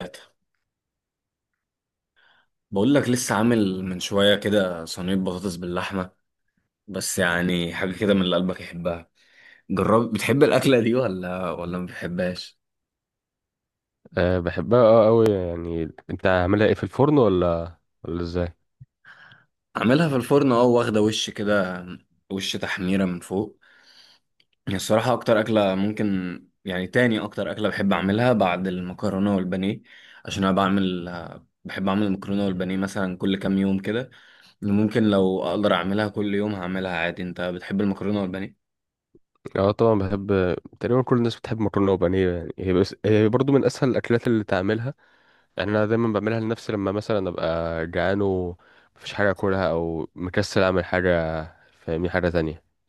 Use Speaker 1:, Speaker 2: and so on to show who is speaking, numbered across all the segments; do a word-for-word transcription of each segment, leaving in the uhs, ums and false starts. Speaker 1: ثلاثة. بقول لك لسه عامل من شوية كده صينية بطاطس باللحمة، بس يعني حاجة كده من اللي قلبك يحبها. جرب، بتحب الأكلة دي ولا ولا ما بتحبهاش؟
Speaker 2: أه بحبها، اه قوي يعني. انت عاملها ايه، في الفرن ولا ولا ازاي؟
Speaker 1: عاملها في الفرن اه، واخدة وش كده، وش تحميرة من فوق. هي الصراحة أكتر أكلة ممكن يعني تاني أكتر أكلة بحب أعملها بعد المكرونة والبانيه. عشان أنا بعمل بحب أعمل المكرونة والبانيه مثلا كل كام يوم كده. ممكن لو أقدر أعملها كل يوم هعملها عادي. أنت بتحب المكرونة والبانيه؟
Speaker 2: اه طبعا بحب، تقريبا كل الناس بتحب مكرونه وبانيه. يعني هي بس هي برضو من اسهل الاكلات اللي تعملها. يعني انا دايما بعملها لنفسي، لما مثلا ابقى جعان ومفيش حاجه اكلها، او مكسل اعمل حاجه، فاهمني، حاجه تانية.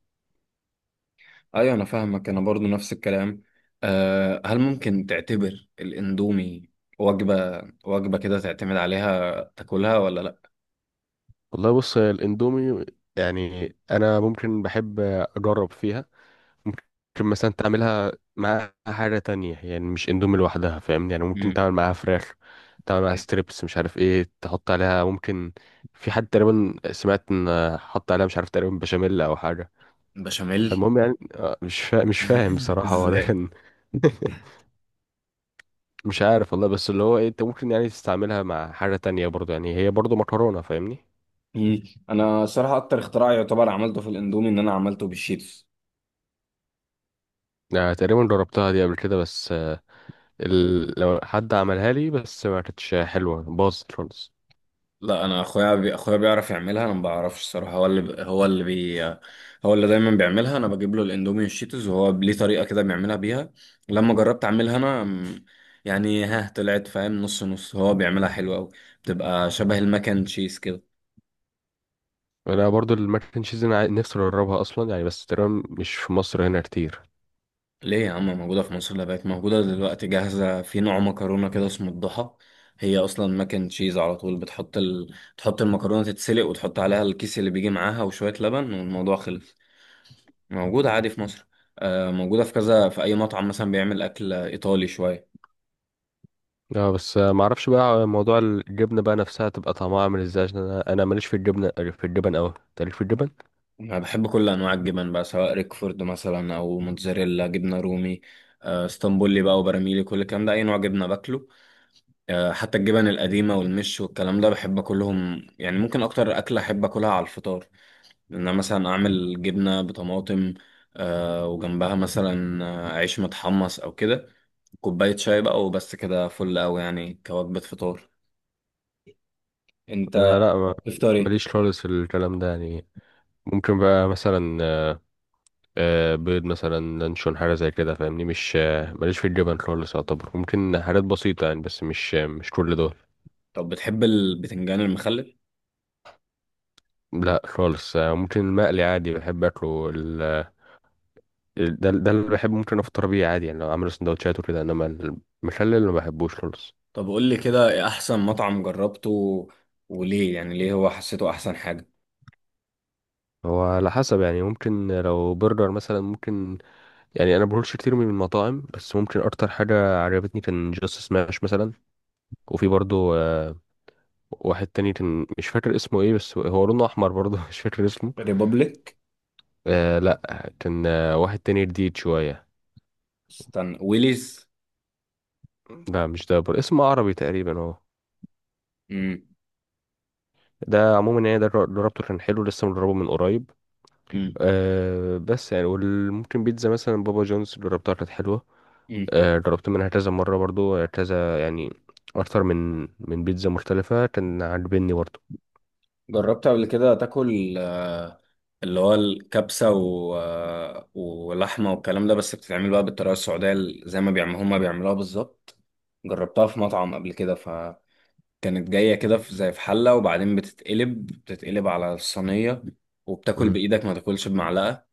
Speaker 1: ايوه انا فاهمك، انا برضو نفس الكلام. أه، هل ممكن تعتبر الاندومي وجبة وجبة كده، تعتمد عليها تاكلها ولا لا؟
Speaker 2: والله بص، الاندومي يعني انا ممكن بحب اجرب فيها. ممكن مثلا تعملها معاها حاجة تانية، يعني مش اندومي لوحدها، فاهمني. يعني ممكن
Speaker 1: امم.
Speaker 2: تعمل معاها فراخ، تعمل معاها
Speaker 1: طيب.
Speaker 2: ستريبس، مش عارف ايه تحط عليها. ممكن في حد تقريبا سمعت ان حط عليها، مش عارف، تقريبا بشاميل او حاجة.
Speaker 1: بشاميل.
Speaker 2: فالمهم يعني، آه، مش فا... مش فاهم بصراحة هو ده
Speaker 1: ازاي؟
Speaker 2: كان. مش عارف والله، بس اللي هو ايه، انت ممكن يعني تستعملها مع حاجة تانية برضو، يعني هي برضو مكرونة، فاهمني.
Speaker 1: مم. انا صراحة اكتر اختراع يعتبر عملته في الاندومي ان انا عملته بالشيتوس.
Speaker 2: يعني تقريبا جربتها دي قبل كده بس آه، ال... لو حد عملها لي بس ما كانتش حلوة، باظت خالص.
Speaker 1: لا، انا اخويا بي... اخويا بيعرف يعملها، انا ما بعرفش الصراحه، هو اللي ب... هو اللي بي... هو اللي دايما بيعملها. انا بجيب له الاندومي والشيتوز، وهو ليه طريقه كده بيعملها بيها. لما جربت اعملها انا م، يعني ها طلعت فاهم نص نص، هو بيعملها حلوه قوي، بتبقى شبه المكن تشيز كده.
Speaker 2: انا برضو الماك اند تشيز، انا عاي- نفسي اجربها اصلا يعني، بس تقريبا مش في مصر هنا كتير.
Speaker 1: ليه يا عم، موجوده في مصر. لا، بقت موجوده دلوقتي جاهزه في نوع مكرونه كده اسمه الضحى. هي اصلا مكن تشيز على طول، بتحط ال... تحط المكرونه تتسلق، وتحط عليها الكيس اللي بيجي معاها وشويه لبن، والموضوع خلص. موجودة عادي في مصر. آه، موجودة في كذا، في أي مطعم مثلا بيعمل أكل إيطالي شوية.
Speaker 2: اه بس آه، معرفش بقى، موضوع الجبنه بقى نفسها تبقى طعمها عامل ازاي، عشان انا انا ماليش في الجبنه، في الجبن اوي. أنت ليك في الجبن؟
Speaker 1: أنا بحب كل أنواع الجبن بقى، سواء ريكفورد مثلا أو موتزاريلا، جبنة رومي، آه، اسطنبولي بقى، وبراميلي، كل الكلام ده، أي نوع جبنة باكله. آه، حتى الجبن القديمة والمش والكلام ده بحب أكلهم. يعني ممكن أكتر أكلة أحب أكلها على الفطار إن أنا مثلا أعمل جبنة بطماطم، آه، وجنبها مثلا آه، عيش متحمص أو كده، كوباية شاي بقى، وبس كده فل أوي يعني كوجبة فطار. أنت
Speaker 2: آه لا، ما-
Speaker 1: بتفطر إيه؟
Speaker 2: ماليش خالص في الكلام ده يعني. ممكن بقى مثلا آه، آه، بيض مثلا، لانشون، حاجه زي كده، فاهمني. مش آه، ماليش في الجبن خالص يعتبر. ممكن حاجات بسيطه يعني، بس مش آه، مش كل دول.
Speaker 1: طب بتحب البتنجان المخلل؟
Speaker 2: لا خالص. آه، ممكن المقلي عادي بحب اكله. ده ده اللي بحبه، ممكن افطر بيه عادي يعني، لو اعمل سندوتشات وكده. انما المخلل ما بحبوش خالص.
Speaker 1: طب قول لي كده، إيه احسن مطعم جربته وليه يعني ليه هو حسيته احسن حاجة.
Speaker 2: هو على حسب يعني، ممكن لو برجر مثلا. ممكن يعني انا بقولش كتير من المطاعم، بس ممكن اكتر حاجه عجبتني كان جاست سماش مثلا. وفي برضو آه، واحد تاني كان مش فاكر اسمه ايه، بس هو لونه احمر برضو. مش فاكر اسمه.
Speaker 1: ريبوبليك.
Speaker 2: آه لا، كان آه، واحد تاني جديد شويه.
Speaker 1: استنى، ويليز.
Speaker 2: لا مش ده برضو، اسمه عربي تقريبا هو.
Speaker 1: امم.
Speaker 2: ده عموما يعني، ده جربته كان حلو، لسه مجربه من قريب.
Speaker 1: امم.
Speaker 2: أه بس يعني، وممكن بيتزا مثلا بابا جونز جربتها كانت حلوة.
Speaker 1: امم.
Speaker 2: أه جربت منها كذا مرة برضو، آه، كذا يعني. أكتر من من بيتزا مختلفة كان عاجبني برضو.
Speaker 1: جربت قبل كده تاكل آه، اللي هو الكبسة و... آه، ولحمة والكلام ده، بس بتتعمل بقى بالطريقة السعودية، ال- زي ما بيعملوا، هما بيعملوها بالظبط. جربتها في مطعم قبل كده، فكانت جاية كده في زي في حلة، وبعدين بتتقلب بتتقلب على الصينية، وبتاكل
Speaker 2: مم.
Speaker 1: بإيدك، ما تاكلش بمعلقة،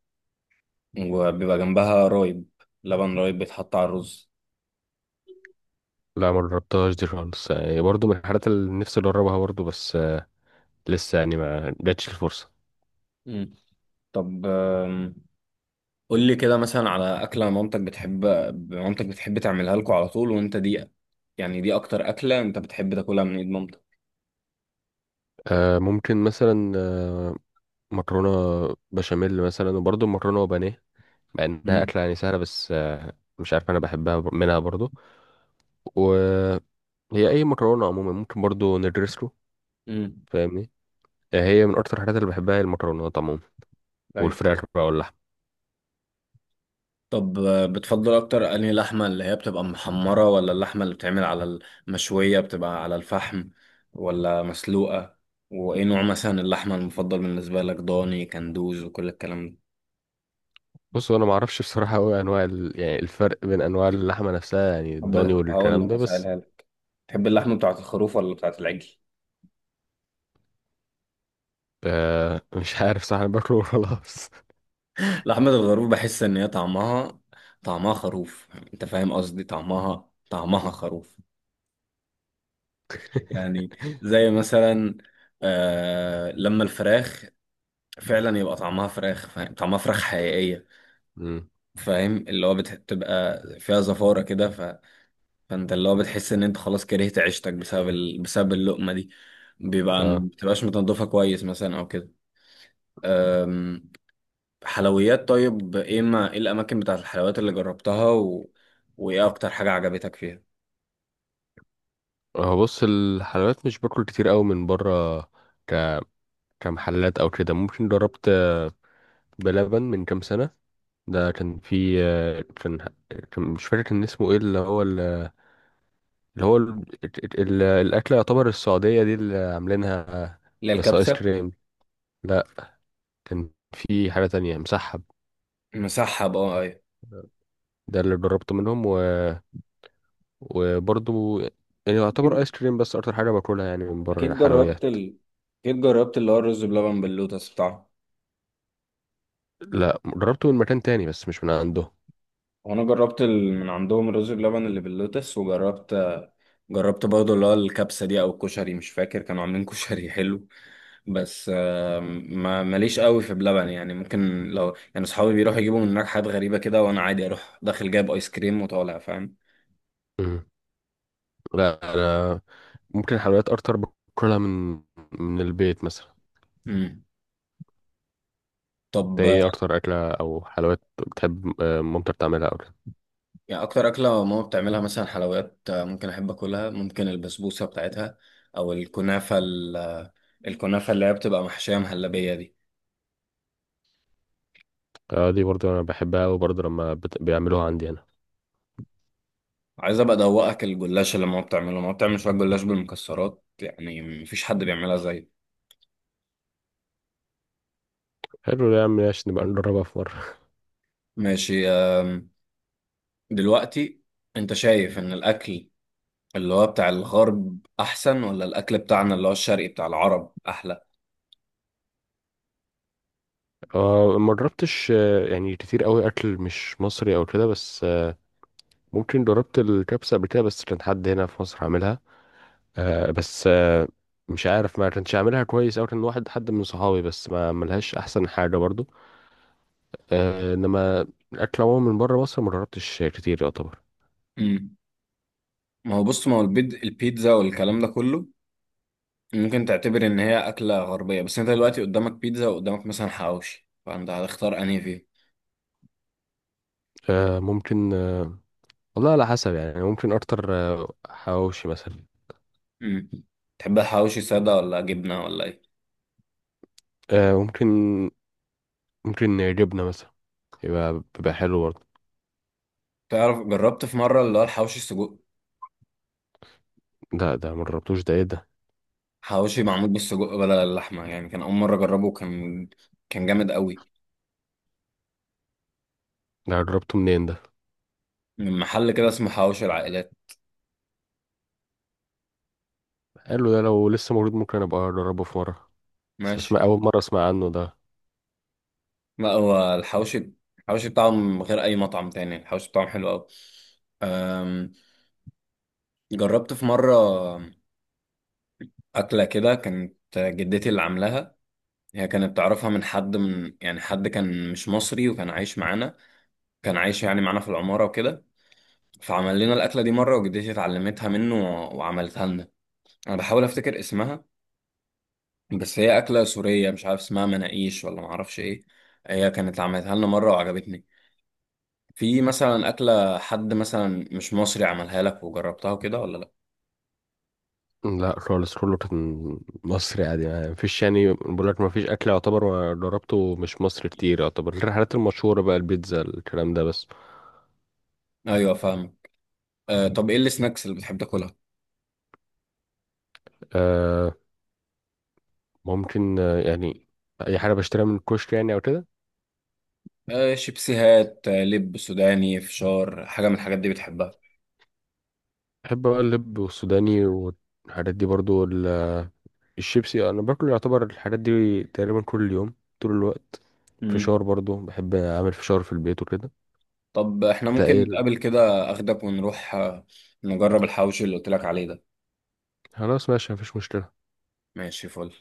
Speaker 1: وبيبقى جنبها رايب، لبن رايب بيتحط على الرز.
Speaker 2: لا ما جربتهاش دي خالص يعني، برضو من الحاجات اللي نفسي أجربها برضو، بس أه، لسه يعني ما جاتش الفرصة.
Speaker 1: مم. طب آم، قول لي كده مثلا على أكلة مامتك بتحب مامتك بتحب تعملها لكم على طول، وأنت دي، يعني دي أكتر أكلة أنت بتحب تاكلها من إيد مامتك.
Speaker 2: أه ممكن مثلا، أه، مكرونة بشاميل مثلا، وبرضو مكرونة وبانيه، مع إنها
Speaker 1: مم.
Speaker 2: أكلة يعني سهلة، بس أه، مش عارف، أنا بحبها بر- منها برضو. و هي اي مكرونه عموما ممكن برضو ندرسه،
Speaker 1: مم.
Speaker 2: فاهمني. آه، هي من اكتر الحاجات اللي بحبها هي المكرونات عموما،
Speaker 1: ايوه.
Speaker 2: والفراخ بقى واللحمه.
Speaker 1: طب آه، بتفضل أكتر أنهي لحمة، اللي هي بتبقى محمرة، ولا اللحمة اللي بتعمل على المشوية بتبقى على الفحم، ولا مسلوقة؟ وإيه نوع مثلا اللحمة المفضل بالنسبة لك، ضاني، كندوز، وكل الكلام ده؟
Speaker 2: بص انا ما اعرفش بصراحه قوي انواع ال... يعني الفرق بين انواع اللحمه نفسها، يعني الضاني
Speaker 1: هبدأ- هقول
Speaker 2: والكلام
Speaker 1: لك
Speaker 2: ده بس.
Speaker 1: أسألها لك. تحب اللحمة بتاعة الخروف ولا بتاعة العجل؟
Speaker 2: آه. مش عارف صح، انا باكله وخلاص.
Speaker 1: لحمة الخروف بحس إن هي طعمها طعمها خروف. أنت فاهم قصدي، طعمها طعمها
Speaker 2: م-
Speaker 1: خروف. يعني زي مثلا، آه، لما الفراخ فعلا يبقى طعمها فراخ، فاهم، طعمها فراخ حقيقية.
Speaker 2: م-
Speaker 1: فاهم، اللي هو بتبقى فيها زفارة كده، ف... فأنت اللي هو بتحس إن أنت خلاص كرهت عيشتك بسبب ال... بسبب اللقمة دي. بيبقى
Speaker 2: اه
Speaker 1: بتبقاش متنضفة كويس مثلا أو كده. حلويات. طيب، ايه ما ايه الاماكن بتاعت الحلويات اللي جربتها، و... وايه اكتر حاجة عجبتك فيها؟
Speaker 2: هو بص، الحلويات مش باكل كتير قوي من بره، ك... كمحلات او كده. ممكن جربت بلبن من كام سنه. ده كان في آه، كان كان- مش فاكر كان اسمه ايه. اللي هو اللي هو ال... ال... ال- الأكلة يعتبر السعودية دي اللي عاملينها،
Speaker 1: اللي هي
Speaker 2: بس آيس
Speaker 1: الكبسة.
Speaker 2: كريم. لا، كان في حاجة تانية، مسحب.
Speaker 1: مسحب، اه ايوه.
Speaker 2: ده اللي جربته منهم، و... وبرضه يعني يعتبر
Speaker 1: اكيد،
Speaker 2: آيس كريم بس أكتر حاجة باكلها يعني من بره
Speaker 1: اكيد جربت
Speaker 2: الحلويات.
Speaker 1: ال... اكيد جربت اللي هو الرز بلبن باللوتس بتاعه.
Speaker 2: لا جربته من مكان تاني بس مش من عنده.
Speaker 1: وانا جربت ال... من عندهم الرز بلبن اللي باللوتس، وجربت، جربت برضه اللي هو الكبسة دي او الكشري، مش فاكر، كانوا عاملين كشري حلو. بس آه، ما ماليش قوي في بلبن، يعني ممكن لو يعني اصحابي بيروحوا يجيبوا من هناك حاجات غريبة كده، وانا عادي اروح داخل جايب ايس كريم وطالع، فاهم.
Speaker 2: مم. لا أنا ممكن الحلويات أكتر باكلها من من البيت مثلا.
Speaker 1: مم.
Speaker 2: ده
Speaker 1: طب
Speaker 2: إيه
Speaker 1: آه،
Speaker 2: أكتر أكلة أو حلويات بتحب آه، مامتك تعملها أو كده؟
Speaker 1: يعني اكتر اكله ماما بتعملها مثلا، حلويات آه، ممكن احب اكلها، ممكن البسبوسه بتاعتها، او الكنافه، ال- الكنافه اللي هي بتبقى محشيه مهلبيه دي.
Speaker 2: آه، دي برضه أنا بحبها، وبرضه لما بت... بيعملوها عندي أنا.
Speaker 1: عايز ابقى ادوقك الجلاش اللي ماما بتعمله، ماما بتعمل شويه جلاش بالمكسرات، يعني مفيش حد بيعملها زي.
Speaker 2: حلو ده يا عم، ماشي، نبقى نجربها في مرة.
Speaker 1: ماشي آم، دلوقتي انت شايف ان الاكل اللي هو بتاع الغرب احسن، ولا الاكل بتاعنا اللي هو الشرقي بتاع العرب احلى؟
Speaker 2: آه ما جربتش آه، يعني كتير قوي أكل مش مصري أو كده، بس آه ممكن جربت الكبسة قبل كده، بس كان حد هنا في مصر عاملها، آه بس آه، مش عارف، ما كانش عاملها كويس، أو كان واحد حد من صحابي بس ما عملهاش أحسن حاجة برضو. آه إنما الأكل عموما من بره مصر ما جربتش كتير يعتبر.
Speaker 1: امم. ما هو بص، ما هو البيد- البيتزا والكلام ده كله ممكن تعتبر ان هي اكله غربيه، بس انت دلوقتي قدامك بيتزا، وقدامك مثلا حواوشي، فانت هتختار انهي فيه؟
Speaker 2: آه ممكن، آه، والله على حسب يعني، ممكن أكتر آه، حواوشي مثلا.
Speaker 1: امم. تحب الحواوشي ساده ولا جبنه ولا ايه؟
Speaker 2: آه ممكن، ممكن جبنة مثلا، يبقى بيبقى حلو برضه.
Speaker 1: تعرف، جربت في مره اللي هو الحواوشي السجق،
Speaker 2: ده ده ما جربتوش، ده ايه ده؟
Speaker 1: حواوشي معمول بالسجق بدل اللحمه يعني. كان اول مره اجربه، كان كان جامد قوي.
Speaker 2: ده جربته منين ده؟
Speaker 1: من محل كده اسمه حواوشي العائلات.
Speaker 2: قال له ده، لو لسه موجود ممكن ابقى اجربه في مره. بس
Speaker 1: ماشي.
Speaker 2: اسمع، اول مره اسمع عنه ده.
Speaker 1: لا، هو الحواوشي، الحواوشي بتاعه من غير اي مطعم تاني، الحواوشي بتاعهم حلو قوي. أم، جربت في مره اكله كده كانت جدتي اللي عاملاها. هي كانت تعرفها من حد، من يعني حد كان مش مصري وكان عايش معانا، كان عايش يعني معانا في العمارة وكده. فعمل لنا الأكلة دي مرة، وجدتي اتعلمتها منه و- وعملتها لنا. أنا بحاول أفتكر اسمها، بس هي أكلة سورية، مش عارف اسمها، مناقيش، ولا معرفش إيه. هي كانت عملتها لنا مرة وعجبتني. في مثلا أكلة حد مثلا مش مصري عملها لك وجربتها وكده ولا لأ؟
Speaker 2: لا خالص، كله كان مصري عادي يعني. مفيش، يعني بقول لك مفيش اكل يعتبر ما جربته مش مصري كتير يعتبر، غير الحاجات المشهوره بقى، البيتزا الكلام ده بس.
Speaker 1: أيوه فاهم. آه طب، إيه السناكس اللي بتحب تاكلها؟
Speaker 2: آه ممكن آه يعني، اي حاجه بشتريها من الكشك يعني او كده.
Speaker 1: آه شيبسيهات، آه لب سوداني، فشار، حاجة من الحاجات دي بتحبها؟
Speaker 2: بحب بقى اللب والسوداني والحاجات دي برضو. الشيبسي انا باكل يعتبر الحاجات دي تقريبا كل يوم، طول الوقت. فشار برضو بحب اعمل فشار في البيت وكده.
Speaker 1: طب احنا ممكن
Speaker 2: تقل.
Speaker 1: نتقابل كده، اخدك ونروح آه، نجرب الحوش اللي قلت لك عليه ده.
Speaker 2: خلاص ماشي، مفيش مشكله.
Speaker 1: ماشي، فل.